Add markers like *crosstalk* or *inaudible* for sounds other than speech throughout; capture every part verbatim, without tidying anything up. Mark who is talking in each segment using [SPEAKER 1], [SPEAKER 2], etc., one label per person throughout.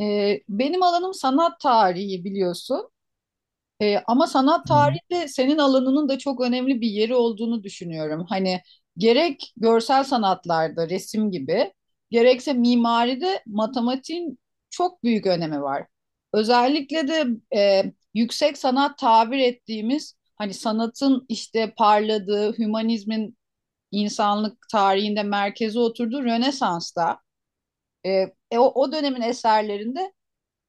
[SPEAKER 1] Ee, benim alanım sanat tarihi biliyorsun. Ee, ama sanat
[SPEAKER 2] Hmm.
[SPEAKER 1] tarihinde senin alanının da çok önemli bir yeri olduğunu düşünüyorum. Hani gerek görsel sanatlarda resim gibi, gerekse mimaride matematiğin çok büyük önemi var. Özellikle de e, yüksek sanat tabir ettiğimiz hani sanatın işte parladığı, hümanizmin insanlık tarihinde merkeze oturduğu Rönesans'ta, e, e, o o dönemin eserlerinde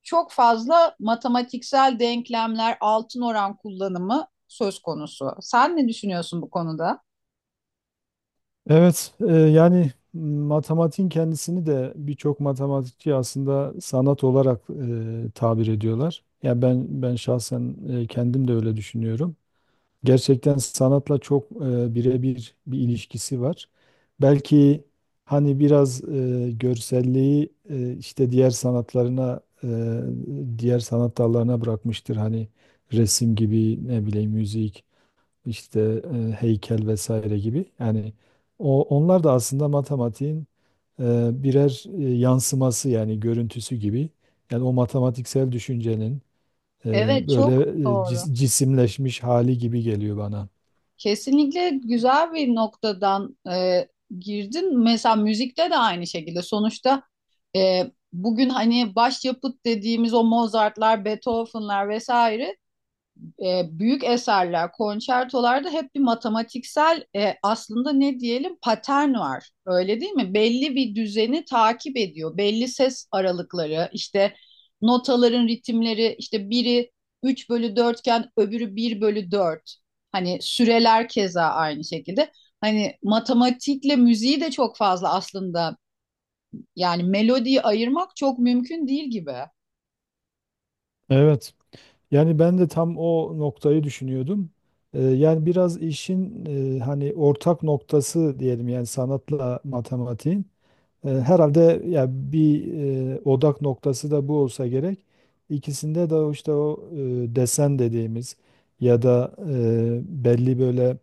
[SPEAKER 1] çok fazla matematiksel denklemler, altın oran kullanımı söz konusu. Sen ne düşünüyorsun bu konuda?
[SPEAKER 2] Evet, e, yani m, matematiğin kendisini de birçok matematikçi aslında sanat olarak e, tabir ediyorlar. Ya ben ben şahsen e, kendim de öyle düşünüyorum. Gerçekten sanatla çok e, birebir bir ilişkisi var. Belki hani biraz e, görselliği e, işte diğer sanatlarına, e, diğer sanat dallarına bırakmıştır. Hani resim gibi, ne bileyim, müzik. İşte e, heykel vesaire gibi. Yani o onlar da aslında matematiğin e, birer e, yansıması yani görüntüsü gibi. Yani o matematiksel düşüncenin e,
[SPEAKER 1] Evet,
[SPEAKER 2] böyle
[SPEAKER 1] çok
[SPEAKER 2] e,
[SPEAKER 1] doğru.
[SPEAKER 2] cis- cisimleşmiş hali gibi geliyor bana.
[SPEAKER 1] Kesinlikle güzel bir noktadan e, girdin. Mesela müzikte de aynı şekilde. Sonuçta e, bugün hani başyapıt dediğimiz o Mozart'lar, Beethoven'lar vesaire e, büyük eserler, konçertolarda hep bir matematiksel, e, aslında ne diyelim patern var. Öyle değil mi? Belli bir düzeni takip ediyor. Belli ses aralıkları, işte notaların ritimleri, işte biri üç bölü dört iken öbürü bir bölü dört. Hani süreler keza aynı şekilde. Hani matematikle müziği de çok fazla aslında yani melodiyi ayırmak çok mümkün değil gibi.
[SPEAKER 2] Evet. Yani ben de tam o noktayı düşünüyordum. E, yani biraz işin e, hani ortak noktası diyelim, yani sanatla matematiğin. E, Herhalde ya bir e, odak noktası da bu olsa gerek. İkisinde de o işte o e, desen dediğimiz ya da e, belli böyle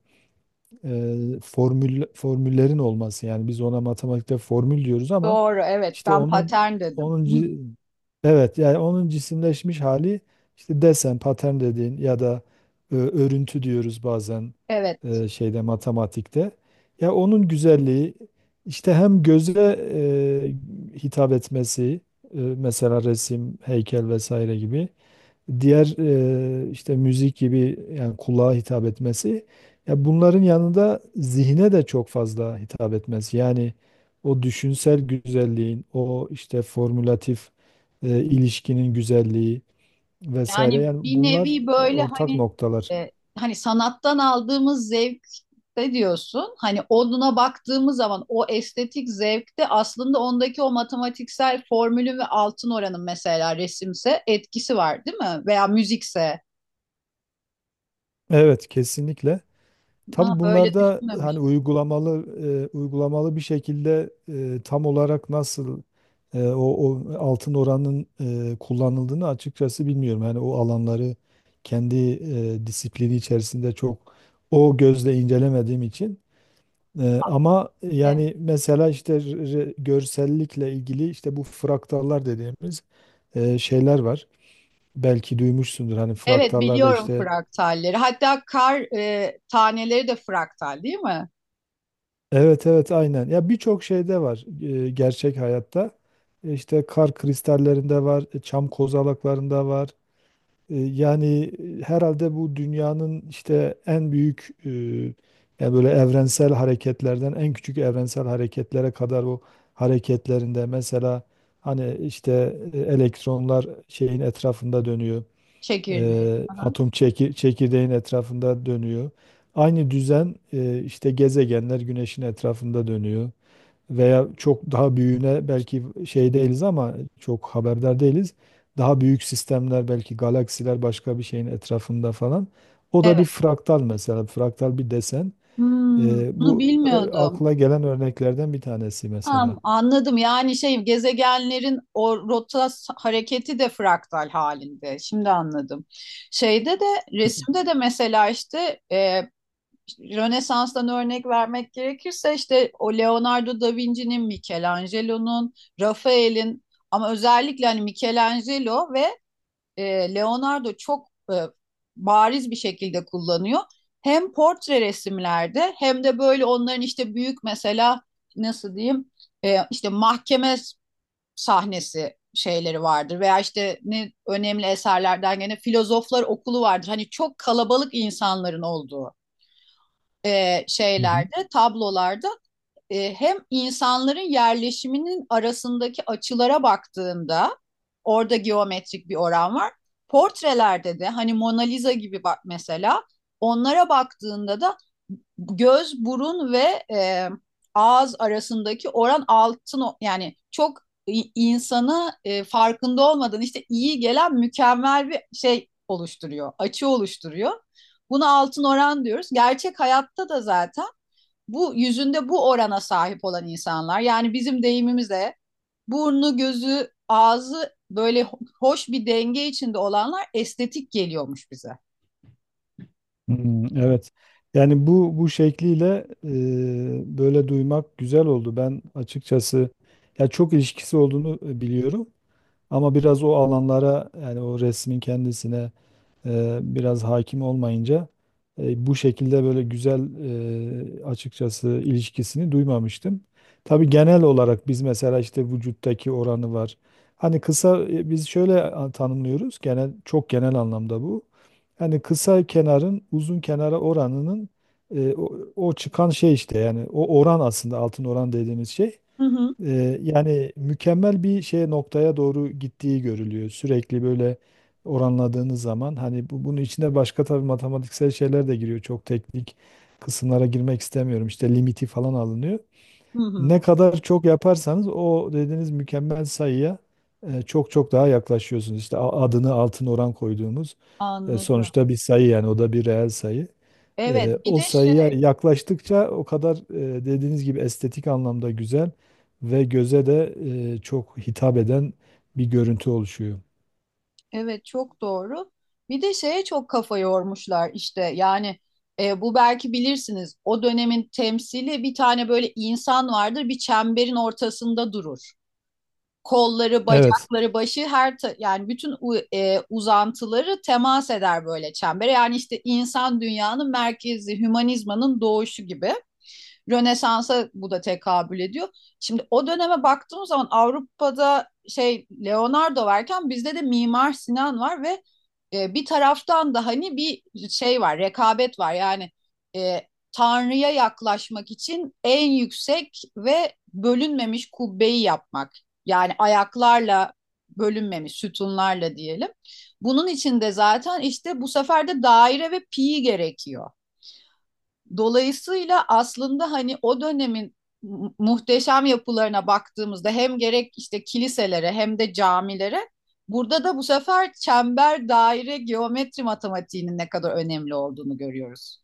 [SPEAKER 2] e, formül formüllerin olması, yani biz ona matematikte formül diyoruz ama
[SPEAKER 1] Doğru, evet
[SPEAKER 2] işte
[SPEAKER 1] ben
[SPEAKER 2] onun
[SPEAKER 1] patern dedim.
[SPEAKER 2] onun
[SPEAKER 1] *laughs*
[SPEAKER 2] ci- evet, yani onun cisimleşmiş hali, işte desen, patern dediğin ya da e, örüntü diyoruz bazen
[SPEAKER 1] Evet.
[SPEAKER 2] e, şeyde, matematikte. Ya onun güzelliği, işte hem göze e, hitap etmesi, e, mesela resim, heykel vesaire gibi diğer e, işte müzik gibi, yani kulağa hitap etmesi, ya bunların yanında zihne de çok fazla hitap etmesi. Yani o düşünsel güzelliğin, o işte formülatif e, ilişkinin güzelliği vesaire,
[SPEAKER 1] Yani
[SPEAKER 2] yani
[SPEAKER 1] bir
[SPEAKER 2] bunlar
[SPEAKER 1] nevi
[SPEAKER 2] e,
[SPEAKER 1] böyle
[SPEAKER 2] ortak
[SPEAKER 1] hani,
[SPEAKER 2] noktalar.
[SPEAKER 1] e, hani sanattan aldığımız zevkte diyorsun. Hani onuna baktığımız zaman o estetik zevkte aslında ondaki o matematiksel formülün ve altın oranın mesela resimse etkisi var değil mi? Veya müzikse.
[SPEAKER 2] Evet, kesinlikle. Tabii
[SPEAKER 1] Ha, böyle
[SPEAKER 2] bunlarda hani
[SPEAKER 1] düşünmemiş.
[SPEAKER 2] uygulamalı e, uygulamalı bir şekilde e, tam olarak nasıl e, o, o altın oranın e, kullanıldığını açıkçası bilmiyorum. Yani o alanları kendi e, disiplini içerisinde çok o gözle incelemediğim için. E, ama
[SPEAKER 1] Evet.
[SPEAKER 2] yani mesela işte re- görsellikle ilgili, işte bu fraktallar dediğimiz e, şeyler var. Belki duymuşsundur, hani
[SPEAKER 1] Evet
[SPEAKER 2] fraktallarda
[SPEAKER 1] biliyorum
[SPEAKER 2] işte.
[SPEAKER 1] fraktalleri. Hatta kar e, taneleri de fraktal değil mi?
[SPEAKER 2] Evet, evet, aynen. Ya birçok şeyde var e, gerçek hayatta. E, İşte kar kristallerinde var, e, çam kozalaklarında var. E, yani e, herhalde bu dünyanın işte en büyük e, yani böyle evrensel hareketlerden en küçük evrensel hareketlere kadar o hareketlerinde, mesela hani işte e, elektronlar şeyin etrafında dönüyor.
[SPEAKER 1] Çekirdeği.
[SPEAKER 2] Eee,
[SPEAKER 1] Aha.
[SPEAKER 2] atom çekir, çekirdeğin etrafında dönüyor. Aynı düzen, eee, işte gezegenler güneşin etrafında dönüyor. Veya çok daha büyüğüne belki şey değiliz, ama çok haberdar değiliz. Daha büyük sistemler, belki galaksiler başka bir şeyin etrafında falan. O da bir
[SPEAKER 1] Evet.
[SPEAKER 2] fraktal mesela. Fraktal bir desen.
[SPEAKER 1] Hmm,
[SPEAKER 2] Eee,
[SPEAKER 1] bunu
[SPEAKER 2] bu e,
[SPEAKER 1] bilmiyordum.
[SPEAKER 2] akla gelen örneklerden bir tanesi mesela.
[SPEAKER 1] Tamam, anladım. Yani şey gezegenlerin o rota s- hareketi de fraktal halinde. Şimdi anladım. Şeyde de resimde de mesela işte e, Rönesans'tan örnek vermek gerekirse işte o Leonardo da Vinci'nin, Michelangelo'nun, Rafael'in, ama özellikle hani Michelangelo ve e, Leonardo çok e, bariz bir şekilde kullanıyor. Hem portre resimlerde hem de böyle onların işte büyük, mesela nasıl diyeyim, e, işte mahkeme sahnesi şeyleri vardır veya işte ne önemli eserlerden gene filozoflar okulu vardır. Hani çok kalabalık insanların olduğu e,
[SPEAKER 2] Hı hı.
[SPEAKER 1] şeylerde, tablolarda, e, hem insanların yerleşiminin arasındaki açılara baktığında orada geometrik bir oran var. Portrelerde de hani Mona Lisa gibi bak mesela, onlara baktığında da göz, burun ve e, ağız arasındaki oran altın, yani çok insanı e, farkında olmadan işte iyi gelen mükemmel bir şey oluşturuyor, açı oluşturuyor. Buna altın oran diyoruz. Gerçek hayatta da zaten bu yüzünde bu orana sahip olan insanlar, yani bizim deyimimizle burnu, gözü, ağzı böyle hoş bir denge içinde olanlar estetik geliyormuş bize.
[SPEAKER 2] Hmm, evet. Yani bu bu şekliyle e, böyle duymak güzel oldu. Ben açıkçası ya çok ilişkisi olduğunu e, biliyorum, ama biraz o alanlara, yani o resmin kendisine e, biraz hakim olmayınca e, bu şekilde böyle güzel e, açıkçası ilişkisini duymamıştım. Tabii genel olarak biz, mesela işte vücuttaki oranı var. Hani kısa, e, biz şöyle a- tanımlıyoruz genel, çok genel anlamda bu. Yani kısa kenarın uzun kenara oranının e, o, o çıkan şey, işte yani o oran aslında altın oran dediğimiz şey.
[SPEAKER 1] Hı hı.
[SPEAKER 2] Ee, yani mükemmel bir şeye, noktaya doğru gittiği görülüyor. Sürekli böyle oranladığınız zaman hani bu, bunun içinde başka tabii matematiksel şeyler de giriyor. Çok teknik kısımlara girmek istemiyorum. İşte limiti falan alınıyor.
[SPEAKER 1] Hı hı.
[SPEAKER 2] Ne kadar çok yaparsanız o dediğiniz mükemmel sayıya e, çok çok daha yaklaşıyorsunuz. İşte a- adını altın oran koyduğumuz, e,
[SPEAKER 1] Anladım.
[SPEAKER 2] sonuçta bir sayı, yani o da bir reel sayı.
[SPEAKER 1] Evet,
[SPEAKER 2] Eee,
[SPEAKER 1] bir
[SPEAKER 2] o
[SPEAKER 1] de şey.
[SPEAKER 2] sayıya yaklaştıkça o kadar, eee, dediğiniz gibi estetik anlamda güzel ve göze de eee, çok hitap eden bir görüntü oluşuyor.
[SPEAKER 1] Evet çok doğru. Bir de şeye çok kafa yormuşlar işte yani, e, bu belki bilirsiniz, o dönemin temsili bir tane böyle insan vardır, bir çemberin ortasında durur. Kolları,
[SPEAKER 2] Evet,
[SPEAKER 1] bacakları, başı, her ta- yani bütün u- e, uzantıları temas eder böyle çembere. Yani işte insan dünyanın merkezi, hümanizmanın doğuşu gibi. Rönesans'a bu da tekabül ediyor. Şimdi o döneme baktığımız zaman Avrupa'da şey Leonardo varken bizde de Mimar Sinan var ve e, bir taraftan da hani bir şey var, rekabet var. Yani e, Tanrı'ya yaklaşmak için en yüksek ve bölünmemiş kubbeyi yapmak. Yani ayaklarla, bölünmemiş sütunlarla diyelim. Bunun için de zaten işte bu sefer de daire ve pi gerekiyor. Dolayısıyla aslında hani o dönemin muhteşem yapılarına baktığımızda hem gerek işte kiliselere hem de camilere, burada da bu sefer çember, daire, geometri matematiğinin ne kadar önemli olduğunu görüyoruz.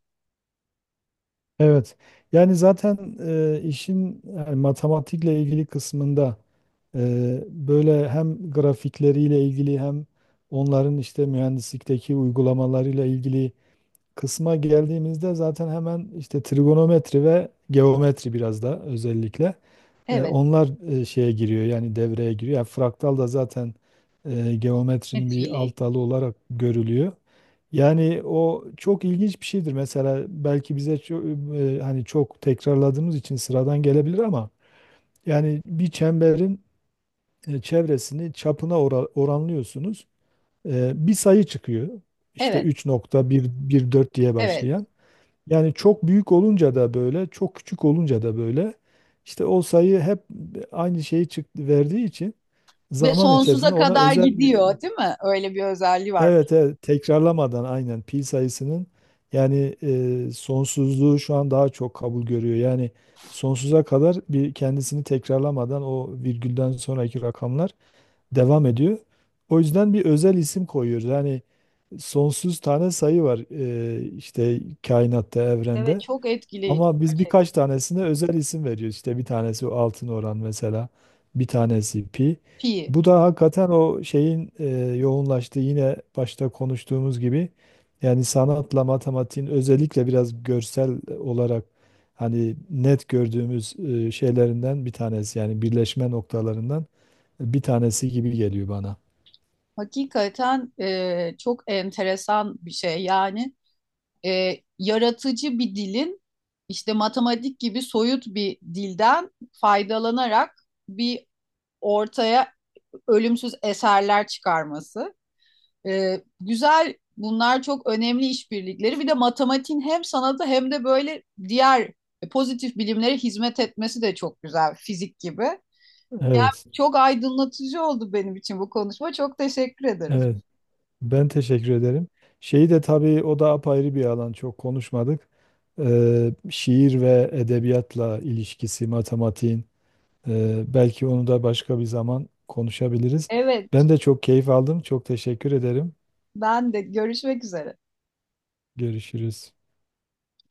[SPEAKER 2] evet. Yani zaten, eee, işin yani matematikle ilgili kısmında, eee, böyle hem grafikleriyle ilgili hem onların işte mühendislikteki uygulamalarıyla ilgili kısma geldiğimizde zaten hemen işte trigonometri ve geometri biraz da, özellikle. E,
[SPEAKER 1] Evet,
[SPEAKER 2] onlar e, şeye giriyor, yani devreye giriyor. Yani fraktal da zaten e, geometrinin bir
[SPEAKER 1] geometriyle ilgili.
[SPEAKER 2] alt dalı olarak görülüyor. Yani o çok ilginç bir şeydir. Mesela belki bize ço- e, hani çok tekrarladığımız için sıradan gelebilir, ama yani bir çemberin e, çevresini çapına ora- oranlıyorsunuz. E, bir sayı çıkıyor. İşte
[SPEAKER 1] Evet,
[SPEAKER 2] üç nokta bir bir dört diye
[SPEAKER 1] evet.
[SPEAKER 2] başlayan. Yani çok büyük olunca da böyle, çok küçük olunca da böyle, işte o sayı hep aynı şeyi, çıktı verdiği için
[SPEAKER 1] Ve
[SPEAKER 2] zaman içerisinde
[SPEAKER 1] sonsuza
[SPEAKER 2] ona
[SPEAKER 1] kadar
[SPEAKER 2] özel bir-.
[SPEAKER 1] gidiyor, değil mi? Öyle bir özelliği var.
[SPEAKER 2] Evet, evet, tekrarlamadan, aynen, pi sayısının yani e, sonsuzluğu şu an daha çok kabul görüyor. Yani sonsuza kadar bir kendisini tekrarlamadan o virgülden sonraki rakamlar devam ediyor. O yüzden bir özel isim koyuyoruz. Yani sonsuz tane sayı var e, işte kainatta,
[SPEAKER 1] Evet,
[SPEAKER 2] evrende.
[SPEAKER 1] çok etkileyici
[SPEAKER 2] Ama biz birkaç
[SPEAKER 1] gerçekten.
[SPEAKER 2] tanesine özel isim veriyoruz. İşte bir tanesi altın oran mesela, bir tanesi pi.
[SPEAKER 1] Pi.
[SPEAKER 2] Bu da hakikaten o şeyin e, yoğunlaştığı, yine başta konuştuğumuz gibi, yani sanatla matematiğin özellikle biraz görsel olarak hani net gördüğümüz e, şeylerinden bir tanesi, yani birleşme noktalarından bir tanesi gibi geliyor bana.
[SPEAKER 1] Hakikaten e, çok enteresan bir şey. Yani e, yaratıcı bir dilin işte matematik gibi soyut bir dilden faydalanarak bir ortaya ölümsüz eserler çıkarması. E, güzel bunlar çok önemli işbirlikleri. Bir de matematiğin hem sanatı hem de böyle diğer pozitif bilimlere hizmet etmesi de çok güzel, fizik gibi.
[SPEAKER 2] Evet,
[SPEAKER 1] Çok aydınlatıcı oldu benim için bu konuşma. Çok teşekkür ederim.
[SPEAKER 2] evet. Ben teşekkür ederim. Şeyi de tabii, o da apayrı bir alan, çok konuşmadık. Ee, şiir ve edebiyatla ilişkisi, matematiğin. Ee, belki onu da başka bir zaman konuşabiliriz.
[SPEAKER 1] Evet,
[SPEAKER 2] Ben de çok keyif aldım. Çok teşekkür ederim.
[SPEAKER 1] ben de görüşmek üzere.
[SPEAKER 2] Görüşürüz.